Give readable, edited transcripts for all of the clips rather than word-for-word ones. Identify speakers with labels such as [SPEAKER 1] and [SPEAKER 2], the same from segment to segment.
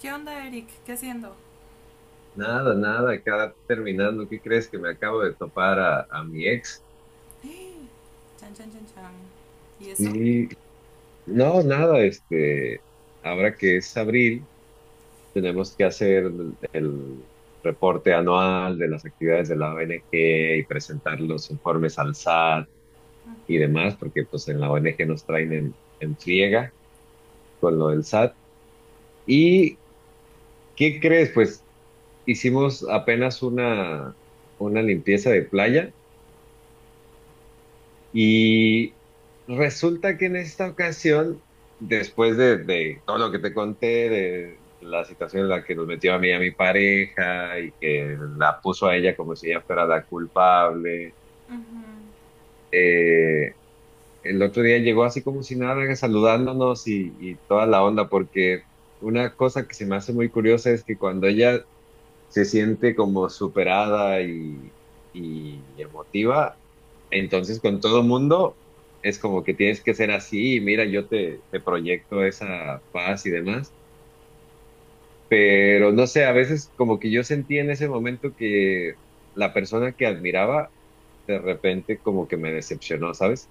[SPEAKER 1] ¿Qué onda, Eric? ¿Qué haciendo?
[SPEAKER 2] Nada, nada, acá terminando, ¿qué crees que me acabo de topar a, mi ex?
[SPEAKER 1] Chan, chan, chan, chan. ¿Y eso?
[SPEAKER 2] Sí, no, nada, ahora que es abril, tenemos que hacer el reporte anual de las actividades de la ONG y presentar los informes al SAT y demás, porque pues en la ONG nos traen en friega con lo del SAT. ¿Y qué crees? Pues hicimos apenas una limpieza de playa. Y resulta que en esta ocasión, después de, todo lo que te conté, de la situación en la que nos metió a mí y a mi pareja y que la puso a ella como si ella fuera la culpable,
[SPEAKER 1] Uh-huh.
[SPEAKER 2] eh, el otro día llegó así como si nada, saludándonos y, toda la onda, porque una cosa que se me hace muy curiosa es que cuando ella se siente como superada y, emotiva, entonces con todo mundo es como que tienes que ser así y mira, yo te, te proyecto esa paz y demás, pero no sé, a veces como que yo sentí en ese momento que la persona que admiraba de repente como que me decepcionó, ¿sabes?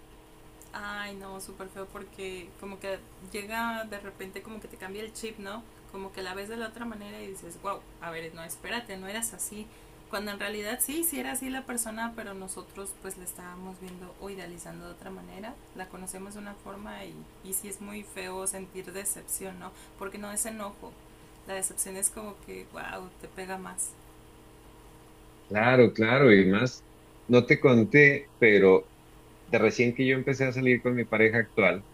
[SPEAKER 1] Ay, no, súper feo porque como que llega de repente como que te cambia el chip, ¿no? Como que la ves de la otra manera y dices, wow, a ver, no, espérate, no eras así. Cuando en realidad sí, sí era así la persona, pero nosotros pues la estábamos viendo o idealizando de otra manera, la conocemos de una forma y sí es muy feo sentir decepción, ¿no? Porque no es enojo, la decepción es como que, wow, te pega más.
[SPEAKER 2] Claro, claro, y más, no te conté, pero de recién que yo empecé a salir con mi pareja actual.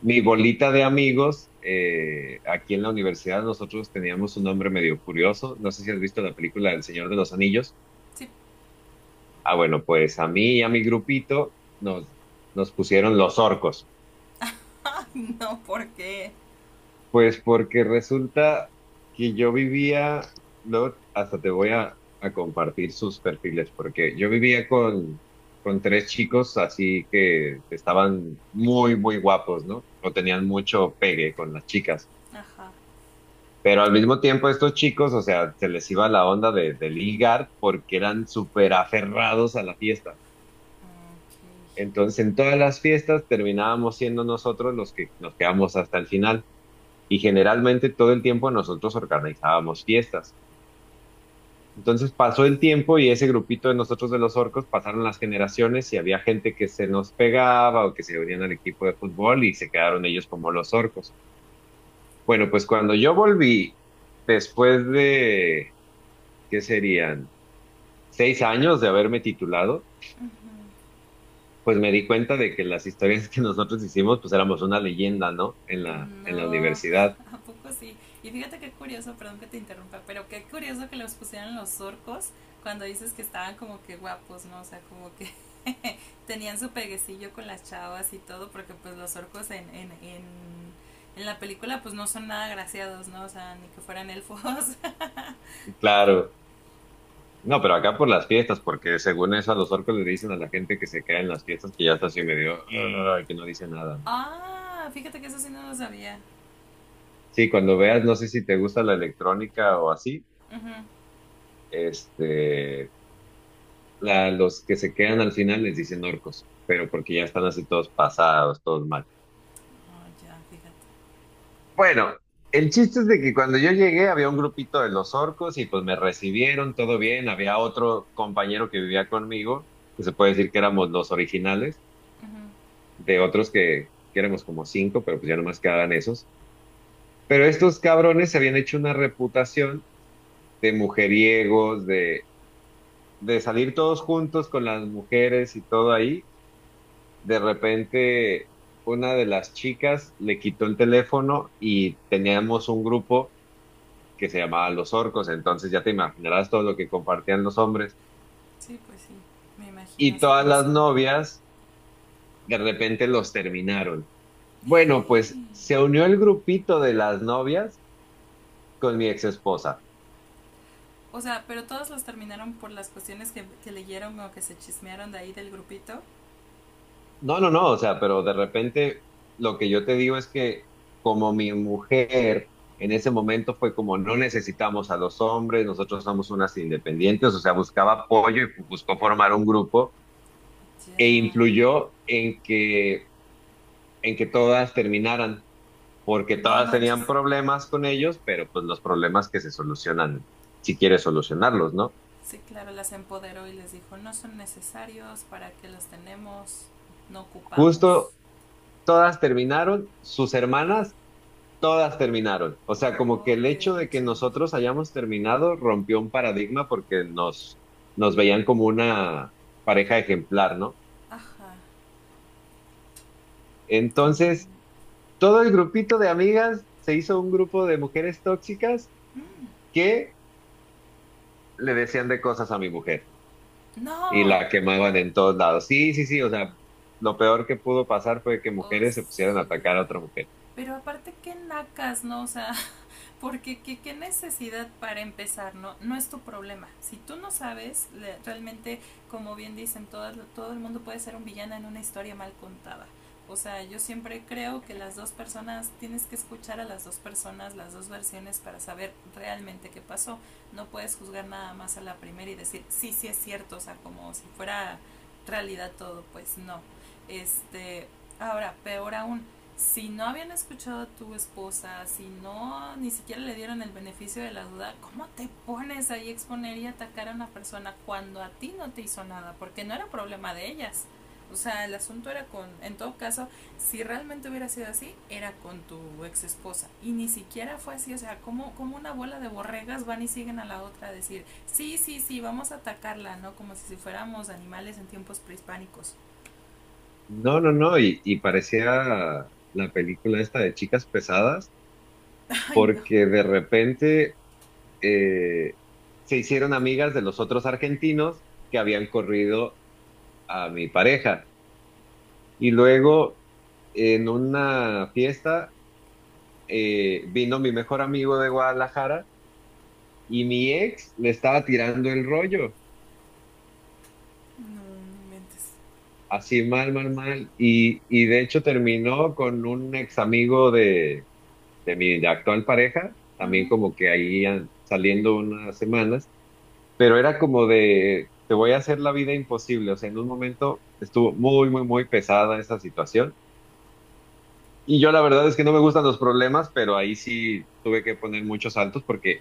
[SPEAKER 2] Mi bolita de amigos, aquí en la universidad nosotros teníamos un nombre medio curioso. No sé si has visto la película El Señor de los Anillos.
[SPEAKER 1] Sí,
[SPEAKER 2] Ah, bueno, pues a mí y a mi grupito nos pusieron los orcos.
[SPEAKER 1] no, ¿por qué?
[SPEAKER 2] Pues porque resulta que yo vivía, no, hasta te voy a, compartir sus perfiles, porque yo vivía con tres chicos así que estaban muy, muy guapos, ¿no? O tenían mucho pegue con las chicas.
[SPEAKER 1] Ajá.
[SPEAKER 2] Pero al mismo tiempo estos chicos, o sea, se les iba la onda de, ligar porque eran súper aferrados a la fiesta.
[SPEAKER 1] Ok.
[SPEAKER 2] Entonces, en todas las fiestas terminábamos siendo nosotros los que nos quedamos hasta el final. Y generalmente todo el tiempo nosotros organizábamos fiestas. Entonces pasó el tiempo y ese grupito de nosotros de los orcos pasaron las generaciones y había gente que se nos pegaba o que se unían al equipo de fútbol y se quedaron ellos como los orcos. Bueno, pues cuando yo volví, después de, ¿qué serían? Seis años de haberme titulado, pues me di cuenta de que las historias que nosotros hicimos, pues éramos una leyenda, ¿no?
[SPEAKER 1] Uh-huh.
[SPEAKER 2] En la
[SPEAKER 1] No,
[SPEAKER 2] universidad.
[SPEAKER 1] ¿a poco sí? Y fíjate qué curioso, perdón que te interrumpa, pero qué curioso que los pusieran los orcos cuando dices que estaban como que guapos, ¿no? O sea, como que tenían su peguecillo con las chavas y todo, porque pues los orcos en en la película pues no son nada graciados, ¿no? O sea, ni que fueran elfos.
[SPEAKER 2] Y claro. No, pero acá por las fiestas, porque según eso a los orcos le dicen a la gente que se queda en las fiestas que ya está así medio, "Ugh", que no dice nada, ¿no?
[SPEAKER 1] Ah, fíjate que eso sí no lo sabía.
[SPEAKER 2] Sí, cuando veas, no sé si te gusta la electrónica o así,
[SPEAKER 1] Ujú.
[SPEAKER 2] este, la, los que se quedan al final les dicen orcos, pero porque ya están así todos pasados, todos.
[SPEAKER 1] Oh, ya, fíjate.
[SPEAKER 2] Bueno, el chiste es de que cuando yo llegué había un grupito de los orcos y pues me recibieron todo bien. Había otro compañero que vivía conmigo, que se puede decir que éramos los originales,
[SPEAKER 1] Ujú.
[SPEAKER 2] de otros que éramos como cinco, pero pues ya nomás quedaban esos. Pero estos cabrones se habían hecho una reputación de mujeriegos, de salir todos juntos con las mujeres y todo ahí. De repente, una de las chicas le quitó el teléfono y teníamos un grupo que se llamaban Los Orcos, entonces ya te imaginarás todo lo que compartían los hombres.
[SPEAKER 1] Sí, pues sí, me imagino
[SPEAKER 2] Y
[SPEAKER 1] así
[SPEAKER 2] todas
[SPEAKER 1] como
[SPEAKER 2] las
[SPEAKER 1] son.
[SPEAKER 2] novias de repente los terminaron. Bueno, pues se unió el grupito de las novias con mi ex esposa.
[SPEAKER 1] O sea, pero todas las terminaron por las cuestiones que leyeron o que se chismearon de ahí del grupito.
[SPEAKER 2] No, no, no, o sea, pero de repente lo que yo te digo es que como mi mujer en ese momento fue como no necesitamos a los hombres, nosotros somos unas independientes, o sea, buscaba apoyo y buscó formar un grupo e
[SPEAKER 1] Ya,
[SPEAKER 2] influyó en que todas terminaran porque
[SPEAKER 1] no
[SPEAKER 2] todas
[SPEAKER 1] manches.
[SPEAKER 2] tenían problemas con ellos, pero pues los problemas que se solucionan, si quieres solucionarlos, ¿no?
[SPEAKER 1] Sí, claro, las empoderó y les dijo, no son necesarios, ¿para que los tenemos? No ocupamos.
[SPEAKER 2] Justo todas terminaron, sus hermanas, todas terminaron. O sea, como que el hecho de que
[SPEAKER 1] OMG.
[SPEAKER 2] nosotros hayamos terminado rompió un paradigma porque nos, nos veían como una pareja ejemplar, ¿no?
[SPEAKER 1] M g.
[SPEAKER 2] Entonces, todo el grupito de amigas se hizo un grupo de mujeres tóxicas
[SPEAKER 1] Mm.
[SPEAKER 2] que le decían de cosas a mi mujer y
[SPEAKER 1] No.
[SPEAKER 2] la quemaban en todos lados. Sí, sí, sí, o sea, lo peor que pudo pasar fue que
[SPEAKER 1] O sea.
[SPEAKER 2] mujeres se pusieran a atacar a otra mujer.
[SPEAKER 1] Pero aparte, qué nacas, ¿no? O sea, porque qué, qué necesidad para empezar, no, no es tu problema. Si tú no sabes, realmente, como bien dicen, todo el mundo puede ser un villano en una historia mal contada. O sea, yo siempre creo que las dos personas, tienes que escuchar a las dos personas, las dos versiones para saber realmente qué pasó. No puedes juzgar nada más a la primera y decir, sí, sí es cierto, o sea, como si fuera realidad todo, pues no. Este, ahora, peor aún, si no habían escuchado a tu esposa, si no ni siquiera le dieron el beneficio de la duda, ¿cómo te pones ahí a exponer y atacar a una persona cuando a ti no te hizo nada? Porque no era problema de ellas. O sea, el asunto era con, en todo caso, si realmente hubiera sido así, era con tu ex esposa. Y ni siquiera fue así. O sea, como, como una bola de borregas van y siguen a la otra a decir, sí, sí, sí, vamos a atacarla, ¿no? Como si si fuéramos animales en tiempos prehispánicos.
[SPEAKER 2] No, no, no, y parecía la película esta de chicas pesadas,
[SPEAKER 1] Ay, no,
[SPEAKER 2] porque de repente eh, se hicieron amigas de los otros argentinos que habían corrido a mi pareja. Y luego en una fiesta vino mi mejor amigo de Guadalajara y mi ex le estaba tirando el rollo.
[SPEAKER 1] no, no me mentes.
[SPEAKER 2] Así mal, mal, mal. Y de hecho terminó con un ex amigo de mi actual pareja,
[SPEAKER 1] Uh -huh.
[SPEAKER 2] también como que ahí saliendo unas semanas, pero era como de, te voy a hacer la vida imposible. O sea, en un momento estuvo muy, muy, muy pesada esa situación. Y yo la verdad es que no me gustan los problemas, pero ahí sí tuve que poner muchos saltos porque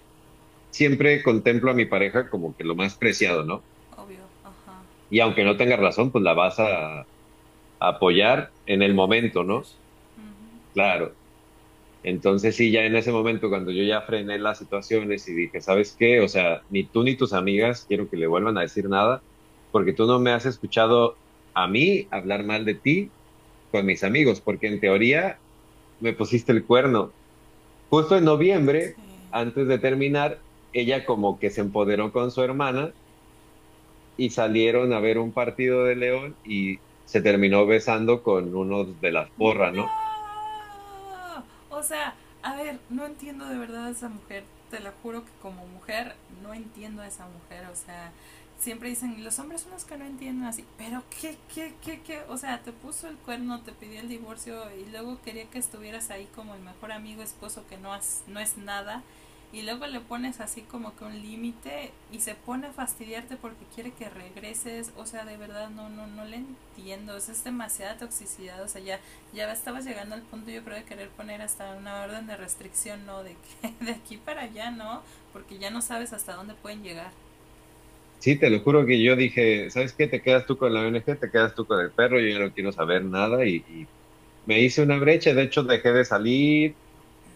[SPEAKER 2] siempre contemplo a mi pareja como que lo más preciado, ¿no?
[SPEAKER 1] Obvio, ajá,
[SPEAKER 2] Y aunque no tenga razón, pues la vas a apoyar en el
[SPEAKER 1] a
[SPEAKER 2] momento,
[SPEAKER 1] defender.
[SPEAKER 2] ¿no?
[SPEAKER 1] Ujú.
[SPEAKER 2] Claro. Entonces sí, ya en ese momento, cuando yo ya frené las situaciones y dije, ¿sabes qué? O sea, ni tú ni tus amigas quiero que le vuelvan a decir nada, porque tú no me has escuchado a mí hablar mal de ti con mis amigos, porque en teoría me pusiste el cuerno. Justo en noviembre,
[SPEAKER 1] Sí.
[SPEAKER 2] antes de terminar, ella como que se empoderó con su hermana y salieron a ver un partido de León y se terminó besando con uno de las porras, ¿no?
[SPEAKER 1] No. O sea, a ver, no entiendo de verdad a esa mujer. Te lo juro que como mujer no entiendo a esa mujer. O sea, siempre dicen, los hombres son los que no entienden así. Pero qué, qué, qué, qué. O sea, te puso el cuerno, te pidió el divorcio y luego quería que estuvieras ahí como el mejor amigo, esposo que no, has, no es nada. Y luego le pones así como que un límite y se pone a fastidiarte porque quiere que regreses. O sea, de verdad no, no, no le entiendo. O sea, es demasiada toxicidad. O sea, ya estaba llegando al punto yo creo de querer poner hasta una orden de restricción, ¿no? De que de aquí para allá, ¿no? Porque ya no sabes hasta dónde pueden llegar.
[SPEAKER 2] Sí, te lo juro que yo dije, ¿sabes qué? Te quedas tú con la ONG, te quedas tú con el perro, yo ya no quiero saber nada y, y me hice una brecha, de hecho dejé de salir,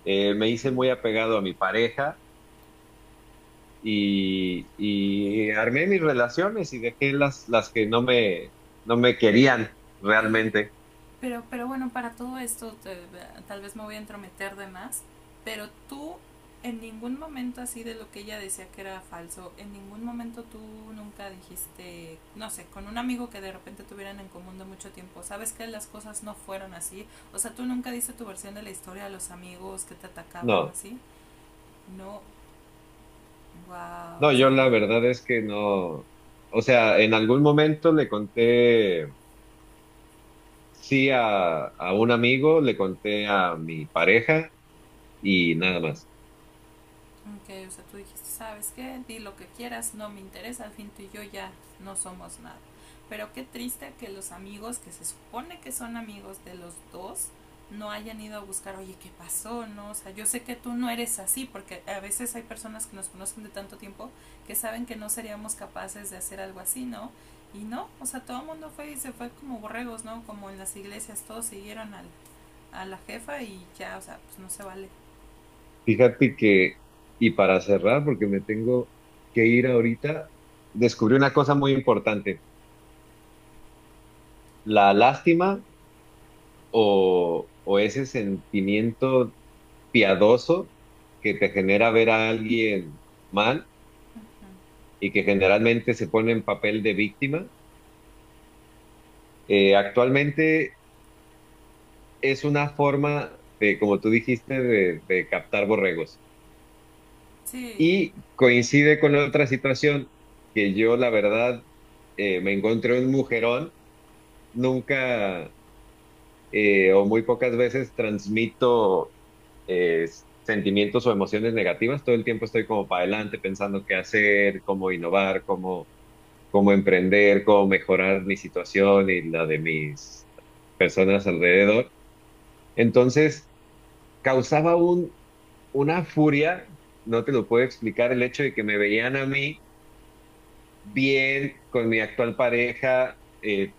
[SPEAKER 2] me hice muy apegado a mi pareja y armé mis relaciones y dejé las que no me, no me querían realmente.
[SPEAKER 1] Pero bueno, para todo esto te- tal vez me voy a entrometer de más, pero tú en ningún momento así de lo que ella decía que era falso, en ningún momento tú nunca dijiste, no sé, con un amigo que de repente tuvieran en común de mucho tiempo, sabes que las cosas no fueron así, o sea, tú nunca diste tu versión de la historia a los amigos que te atacaban o
[SPEAKER 2] No,
[SPEAKER 1] así, no, wow,
[SPEAKER 2] no,
[SPEAKER 1] o
[SPEAKER 2] yo
[SPEAKER 1] sea,
[SPEAKER 2] la verdad es que no, o sea, en algún momento le conté sí a, un amigo, le conté a mi pareja y nada más.
[SPEAKER 1] ok, o sea, tú dijiste, ¿sabes qué? Di lo que quieras, no me interesa, al fin tú y yo ya no somos nada. Pero qué triste que los amigos que se supone que son amigos de los dos no hayan ido a buscar, oye, ¿qué pasó? No, o sea, yo sé que tú no eres así, porque a veces hay personas que nos conocen de tanto tiempo que saben que no seríamos capaces de hacer algo así, ¿no? Y no, o sea, todo el mundo fue y se fue como borregos, ¿no? Como en las iglesias, todos siguieron al, a la jefa y ya, o sea, pues no se vale.
[SPEAKER 2] Fíjate que, y para cerrar, porque me tengo que ir ahorita, descubrí una cosa muy importante, la lástima o ese sentimiento piadoso que te genera ver a alguien mal
[SPEAKER 1] Ujú.
[SPEAKER 2] y que generalmente se pone en papel de víctima, actualmente es una forma de, como tú dijiste, de captar borregos.
[SPEAKER 1] Sí.
[SPEAKER 2] Y coincide con otra situación que yo, la verdad, me encontré un mujerón. Nunca o muy pocas veces transmito eh, sentimientos o emociones negativas. Todo el tiempo estoy como para adelante pensando qué hacer, cómo innovar, cómo, cómo emprender, cómo mejorar mi situación y la de mis personas alrededor. Entonces, causaba un, una furia, no te lo puedo explicar, el hecho de que me veían a mí bien con mi actual pareja.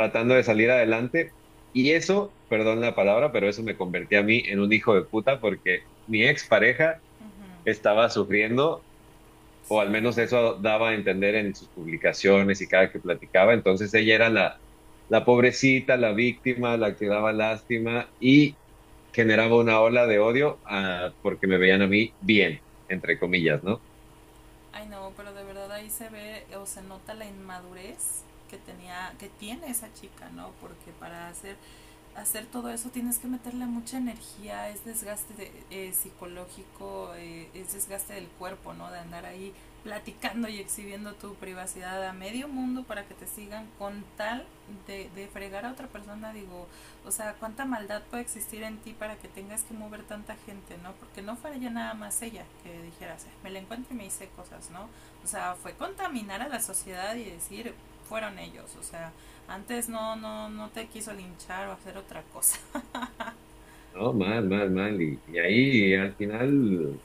[SPEAKER 1] Ujú,
[SPEAKER 2] de salir adelante. Y eso, perdón la palabra, pero eso me convertía a mí en un hijo de puta porque mi expareja
[SPEAKER 1] ujú,
[SPEAKER 2] estaba sufriendo, o
[SPEAKER 1] sí.
[SPEAKER 2] al menos eso daba a entender en sus publicaciones y cada que platicaba. Entonces ella era la, la pobrecita, la víctima, la que daba lástima y generaba una ola de odio, ah, porque me veían a mí bien, entre comillas, ¿no?
[SPEAKER 1] Ay, no, pero de verdad ahí se ve o se nota la inmadurez que tenía, que tiene esa chica, ¿no? Porque para hacer todo eso tienes que meterle mucha energía, es desgaste de, psicológico, es desgaste del cuerpo, ¿no? De andar ahí platicando y exhibiendo tu privacidad a medio mundo para que te sigan con tal de fregar a otra persona, digo, o sea, cuánta maldad puede existir en ti para que tengas que mover tanta gente, ¿no? Porque no fue ya nada más ella que dijeras, me la encuentro y me hice cosas, ¿no? O sea, fue contaminar a la sociedad y decir, fueron ellos, o sea, antes no, no, no te quiso linchar o hacer otra cosa.
[SPEAKER 2] No, mal, mal, mal. Y ahí al final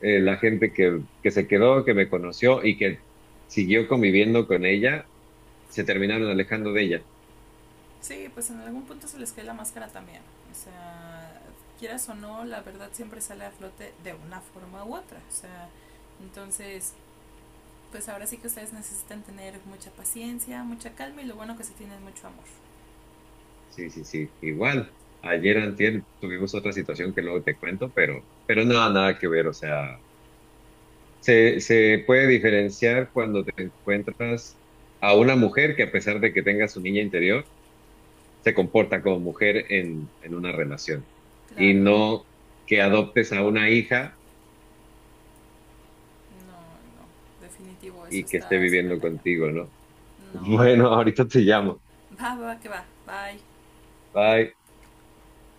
[SPEAKER 2] la gente que se quedó, que me conoció y que siguió conviviendo con ella, se terminaron alejando de ella.
[SPEAKER 1] Sí, pues en algún punto se les cae la máscara también. O sea, quieras o no, la verdad siempre sale a flote de una forma u otra. O sea, entonces, pues ahora sí que ustedes necesitan tener mucha paciencia, mucha calma y lo bueno que se tienen mucho amor.
[SPEAKER 2] Sí, sí, sí, igual. Ayer antier tuvimos otra situación que luego te cuento, pero nada, nada que ver. O sea, se puede diferenciar cuando te encuentras a una mujer que a pesar de que tenga su niña interior, se comporta como mujer en una relación y
[SPEAKER 1] Claro,
[SPEAKER 2] no que adoptes a una hija
[SPEAKER 1] no, no, definitivo, eso
[SPEAKER 2] y que esté
[SPEAKER 1] está súper
[SPEAKER 2] viviendo
[SPEAKER 1] cañón.
[SPEAKER 2] contigo, ¿no?
[SPEAKER 1] No, no,
[SPEAKER 2] Bueno,
[SPEAKER 1] no.
[SPEAKER 2] ahorita te llamo.
[SPEAKER 1] Va, va, que va. Bye.
[SPEAKER 2] Bye.